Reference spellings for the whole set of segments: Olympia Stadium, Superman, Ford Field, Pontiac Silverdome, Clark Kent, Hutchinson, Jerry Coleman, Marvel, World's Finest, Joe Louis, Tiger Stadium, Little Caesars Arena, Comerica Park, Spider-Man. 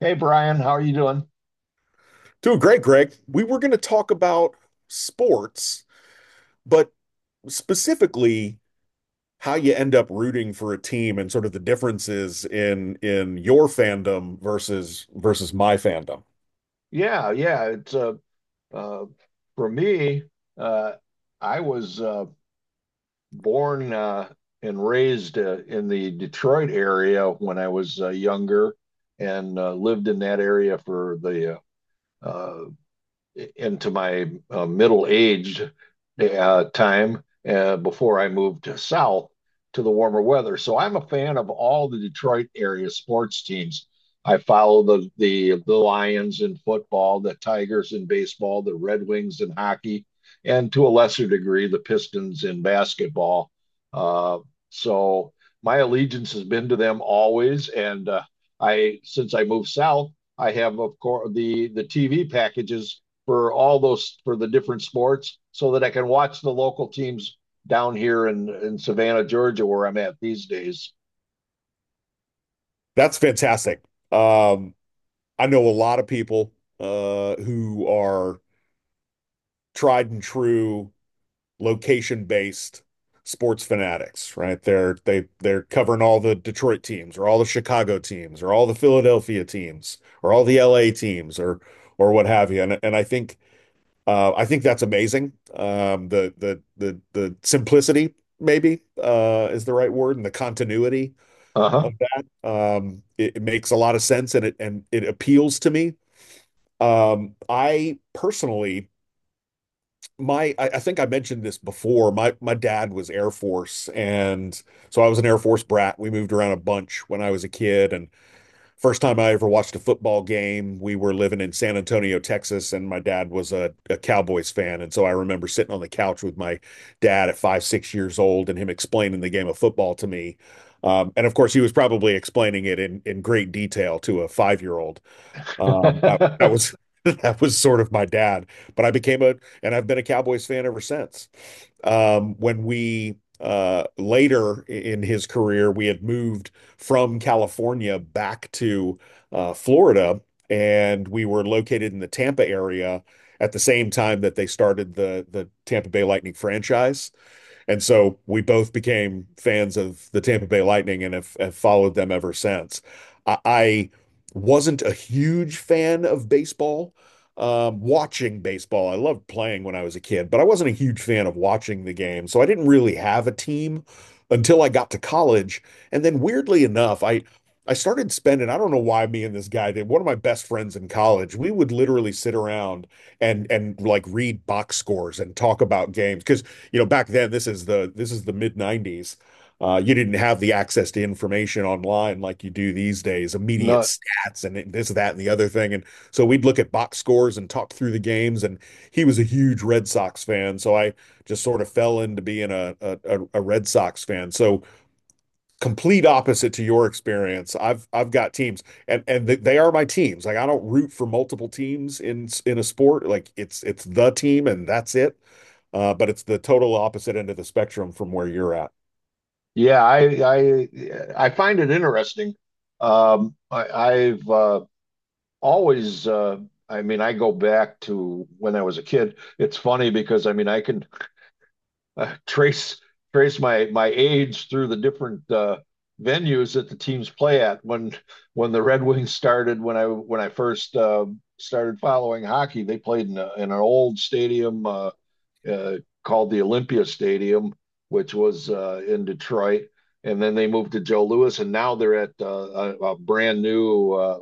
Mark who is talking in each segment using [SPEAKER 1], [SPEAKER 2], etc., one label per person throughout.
[SPEAKER 1] Hey Brian, how are you doing?
[SPEAKER 2] Doing great, Greg. We were going to talk about sports, but specifically how you end up rooting for a team and sort of the differences in your fandom versus my fandom.
[SPEAKER 1] Yeah, yeah. It's uh, for me, uh, I was born and raised in the Detroit area when I was younger, and lived in that area for the uh, uh, into my middle aged time before I moved south to the warmer weather. So I'm a fan of all the Detroit area sports teams. I follow the Lions in football, the Tigers in baseball, the Red Wings in hockey, and to a lesser degree the Pistons in basketball. Uh, so my allegiance has been to them always, and I since I moved south, I have of course the TV packages for all those for the different sports so that I can watch the local teams down here in Savannah, Georgia, where I'm at these days.
[SPEAKER 2] That's fantastic. Um, I know a lot of people who are tried and true location-based sports fanatics, right? They're covering all the Detroit teams or all the Chicago teams or all the Philadelphia teams or all the LA teams or what have you. And I think that's amazing. The simplicity maybe is the right word and the continuity
[SPEAKER 1] Uh
[SPEAKER 2] of that. It makes a lot of sense and it appeals to me. I personally I think I mentioned this before. My dad was Air Force, and so I was an Air Force brat. We moved around a bunch when I was a kid, and first time I ever watched a football game, we were living in San Antonio, Texas, and my dad was a Cowboys fan, and so I remember sitting on the couch with my dad at five, 6 years old, and him explaining the game of football to me. And of course, he was probably explaining it in great detail to a 5 year old. That
[SPEAKER 1] huh.
[SPEAKER 2] was that was sort of my dad, but I've been a Cowboys fan ever since. When we later in his career, we had moved from California back to Florida, and we were located in the Tampa area at the same time that they started the Tampa Bay Lightning franchise. And so we both became fans of the Tampa Bay Lightning and have followed them ever since. I wasn't a huge fan of baseball, watching baseball. I loved playing when I was a kid, but I wasn't a huge fan of watching the game. So I didn't really have a team until I got to college. And then weirdly enough, I started spending, I don't know why me and this guy did. One of my best friends in college, we would literally sit around and like read box scores and talk about games because you know, back then, this is the mid-90s. You didn't have the access to information online like you do these days, immediate
[SPEAKER 1] No,
[SPEAKER 2] stats and this, that, and the other thing. And so we'd look at box scores and talk through the games. And he was a huge Red Sox fan, so I just sort of fell into being a Red Sox fan. So complete opposite to your experience. I've got teams and th they are my teams. Like I don't root for multiple teams in a sport. Like it's the team and that's it. But it's the total opposite end of the spectrum from where you're at.
[SPEAKER 1] yeah, I I find it interesting. I've always, I mean, I go back to when I was a kid. It's funny because I mean, I can uh, trace trace my age through the different venues that the teams play at. When the Red Wings started, when I first started following hockey, they played in, a, in an old stadium uh, called the Olympia Stadium, which was in Detroit. And then they moved to Joe Louis, and now they're at a brand new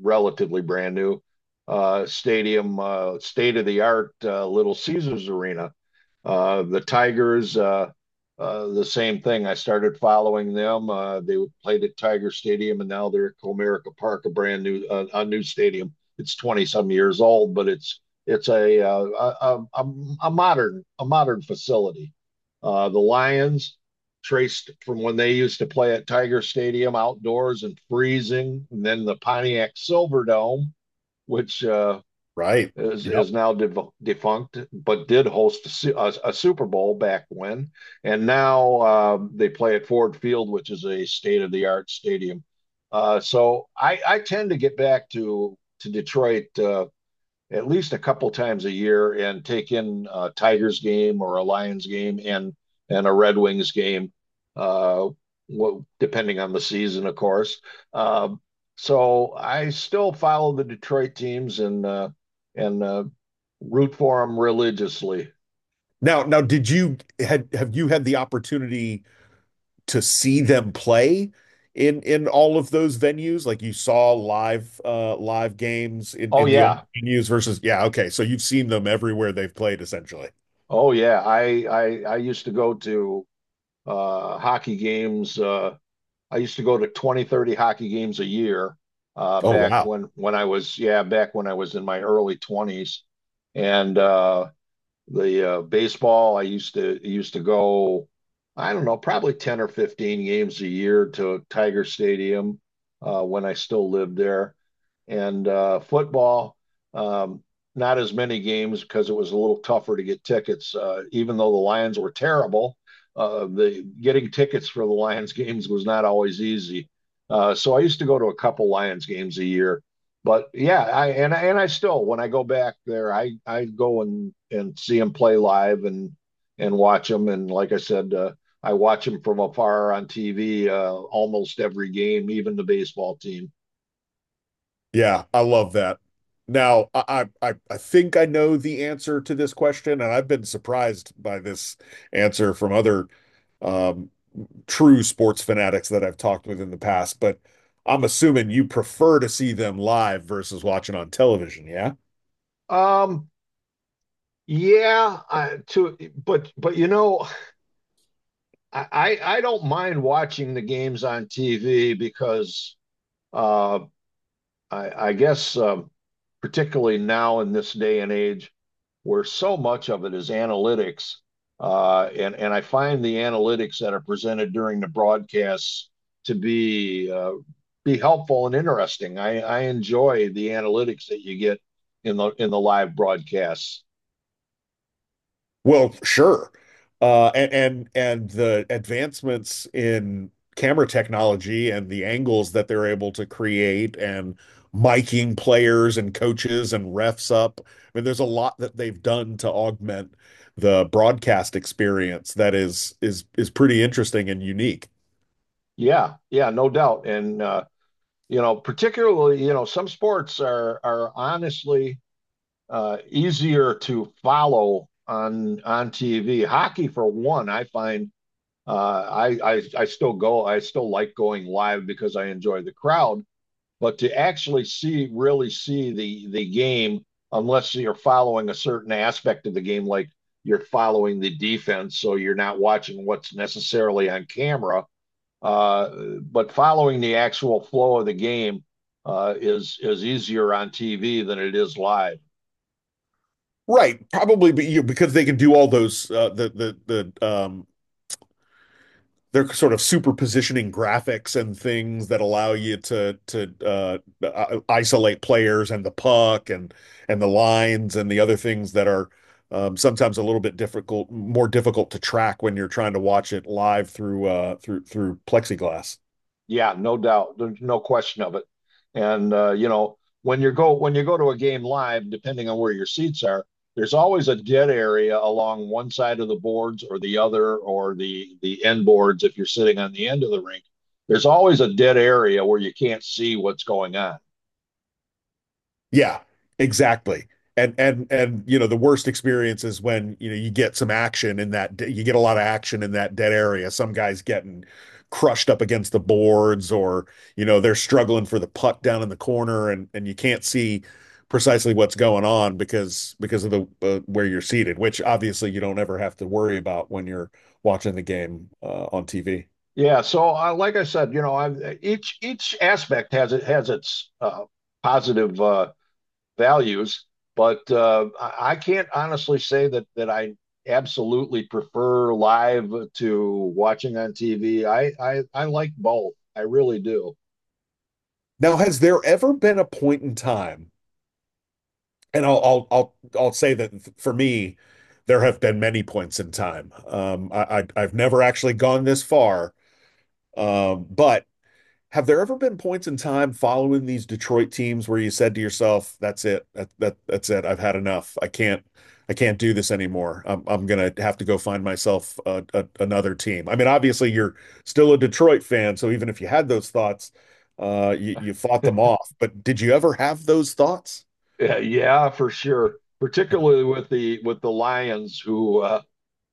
[SPEAKER 1] relatively brand new stadium, state of the art, Little Caesars Arena. The Tigers, the same thing. I started following them. They played at Tiger Stadium, and now they're at Comerica Park, a brand new a new stadium. It's 20 some years old, but it's a, a- a modern facility. The Lions traced from when they used to play at Tiger Stadium outdoors and freezing, and then the Pontiac Silverdome, which
[SPEAKER 2] Right. Yep.
[SPEAKER 1] is now defunct, but did host a Super Bowl back when, and now they play at Ford Field, which is a state of the art stadium. So I tend to get back to Detroit at least a couple times a year and take in a Tigers game or a Lions game and a Red Wings game, uh, well, depending on the season, of course. Uh, so I still follow the Detroit teams and root for them religiously.
[SPEAKER 2] Now, did you had have you had the opportunity to see them play in all of those venues? Like you saw live live games
[SPEAKER 1] Oh
[SPEAKER 2] in the old
[SPEAKER 1] yeah,
[SPEAKER 2] venues versus yeah, okay. So you've seen them everywhere they've played essentially.
[SPEAKER 1] oh yeah. I used to go to hockey games. I used to go to 20, 30 hockey games a year
[SPEAKER 2] Oh,
[SPEAKER 1] back
[SPEAKER 2] wow.
[SPEAKER 1] when I was yeah back when I was in my early 20s, and the baseball I used to go I don't know probably 10 or 15 games a year to Tiger Stadium when I still lived there and football. Um, Not as many games because it was a little tougher to get tickets. Even though the Lions were terrible, the getting tickets for the Lions games was not always easy. So I used to go to a couple Lions games a year. But yeah, I still when I go back there, I go and see them play live and watch them. And like I said, I watch them from afar on TV almost every game, even the baseball team.
[SPEAKER 2] Yeah, I love that. Now, I think I know the answer to this question, and I've been surprised by this answer from other um, true sports fanatics that I've talked with in the past. But I'm assuming you prefer to see them live versus watching on television. Yeah.
[SPEAKER 1] Um, Yeah, to but you know, I don't mind watching the games on TV because uh, I guess particularly now in this day and age where so much of it is analytics, and I find the analytics that are presented during the broadcasts to be helpful and interesting. I enjoy the analytics that you get in the live broadcasts.
[SPEAKER 2] Well, sure. And the advancements in camera technology and the angles that they're able to create and miking players and coaches and refs up. I mean, there's a lot that they've done to augment the broadcast experience that is pretty interesting and unique.
[SPEAKER 1] Yeah, yeah, no doubt, and. You know, particularly, you know, some sports are honestly easier to follow on TV. Hockey, for one, I find, I still go, I still like going live because I enjoy the crowd. But to actually see, really see the game, unless you're following a certain aspect of the game, like you're following the defense, so you're not watching what's necessarily on camera, uh, but following the actual flow of the game is easier on TV than it is live.
[SPEAKER 2] Right, probably be, you because they can do all those they're sort of superpositioning graphics and things that allow you to isolate players and the puck and the lines and the other things that are sometimes a little bit difficult, more difficult to track when you're trying to watch it live through through plexiglass.
[SPEAKER 1] Yeah, no doubt, there's no question of it. And you know, when you go to a game live, depending on where your seats are, there's always a dead area along one side of the boards or the other, or the end boards if you're sitting on the end of the rink. There's always a dead area where you can't see what's going on.
[SPEAKER 2] Yeah, exactly. And you know the worst experience is when you get a lot of action in that dead area. Some guy's getting crushed up against the boards, or you know they're struggling for the puck down in the corner, and you can't see precisely what's going on because of the where you're seated, which obviously you don't ever have to worry about when you're watching the game on TV.
[SPEAKER 1] Yeah, so like I said, you know, each aspect has it has its positive values, but I can't honestly say that I absolutely prefer live to watching on TV. I like both. I really do.
[SPEAKER 2] Now, has there ever been a point in time and I'll say that for me, there have been many points in time. I I've never actually gone this far. But have there ever been points in time following these Detroit teams where you said to yourself, "That's it. That's it. I've had enough. I can't do this anymore. I'm gonna have to go find myself another team." I mean, obviously you're still a Detroit fan, so even if you had those thoughts, you fought them off. But did you ever have those thoughts?
[SPEAKER 1] Yeah, yeah, for sure. Particularly with the Lions,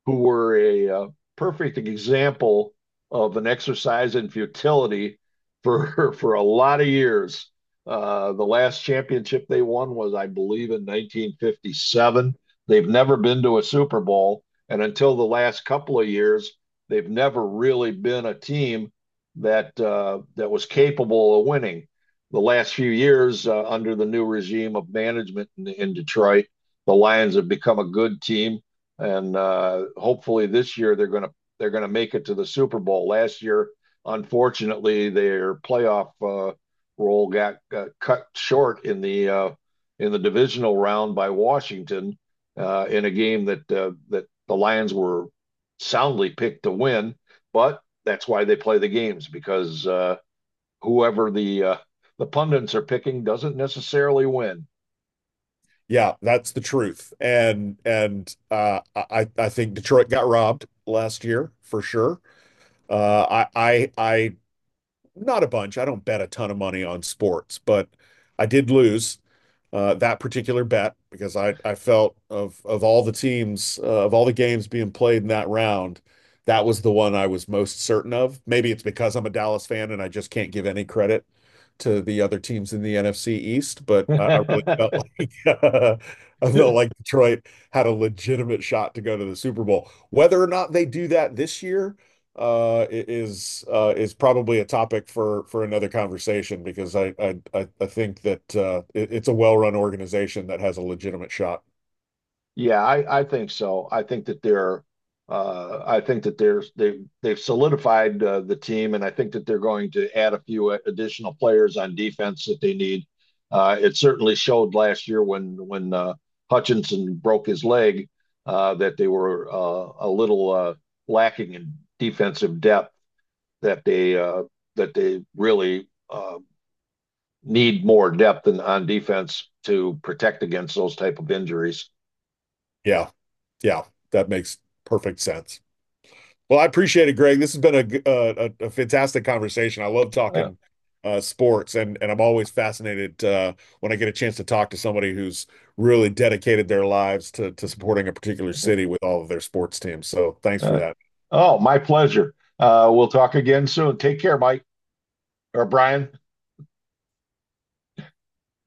[SPEAKER 1] who were a perfect example of an exercise in futility for for a lot of years. The last championship they won was, I believe, in 1957. They've never been to a Super Bowl, and until the last couple of years, they've never really been a team that that was capable of winning. The last few years, under the new regime of management in Detroit, the Lions have become a good team and hopefully this year they're gonna make it to the Super Bowl. Last year, unfortunately, their playoff role got cut short in the divisional round by Washington in a game that that the Lions were soundly picked to win. But that's why they play the games because whoever the pundits are picking doesn't necessarily win.
[SPEAKER 2] Yeah, that's the truth. And I think Detroit got robbed last year for sure. I Not a bunch. I don't bet a ton of money on sports, but I did lose that particular bet because I felt of all the teams of all the games being played in that round, that was the one I was most certain of. Maybe it's because I'm a Dallas fan and I just can't give any credit to the other teams in the NFC East, but I really felt like uh, I felt like Detroit had a legitimate shot to go to the Super Bowl. Whether or not they do that this year is probably a topic for another conversation because I think that it's a well-run organization that has a legitimate shot.
[SPEAKER 1] Yeah, I think so. I think that I think that they've solidified the team, and I think that they're going to add a few additional players on defense that they need. It certainly showed last year when Hutchinson broke his leg that they were a little lacking in defensive depth. That they uh, that they really need more depth on defense to protect against those type of injuries.
[SPEAKER 2] Yeah, yeah, that makes perfect sense. Well, I appreciate it, Greg. This has been a fantastic conversation. I love talking sports, and I'm always fascinated when I get a chance to talk to somebody who's really dedicated their lives to supporting a particular city with all of their sports teams. So thanks for
[SPEAKER 1] Uh,
[SPEAKER 2] that.
[SPEAKER 1] oh, my pleasure. We'll talk again soon. Take care, Mike or Brian.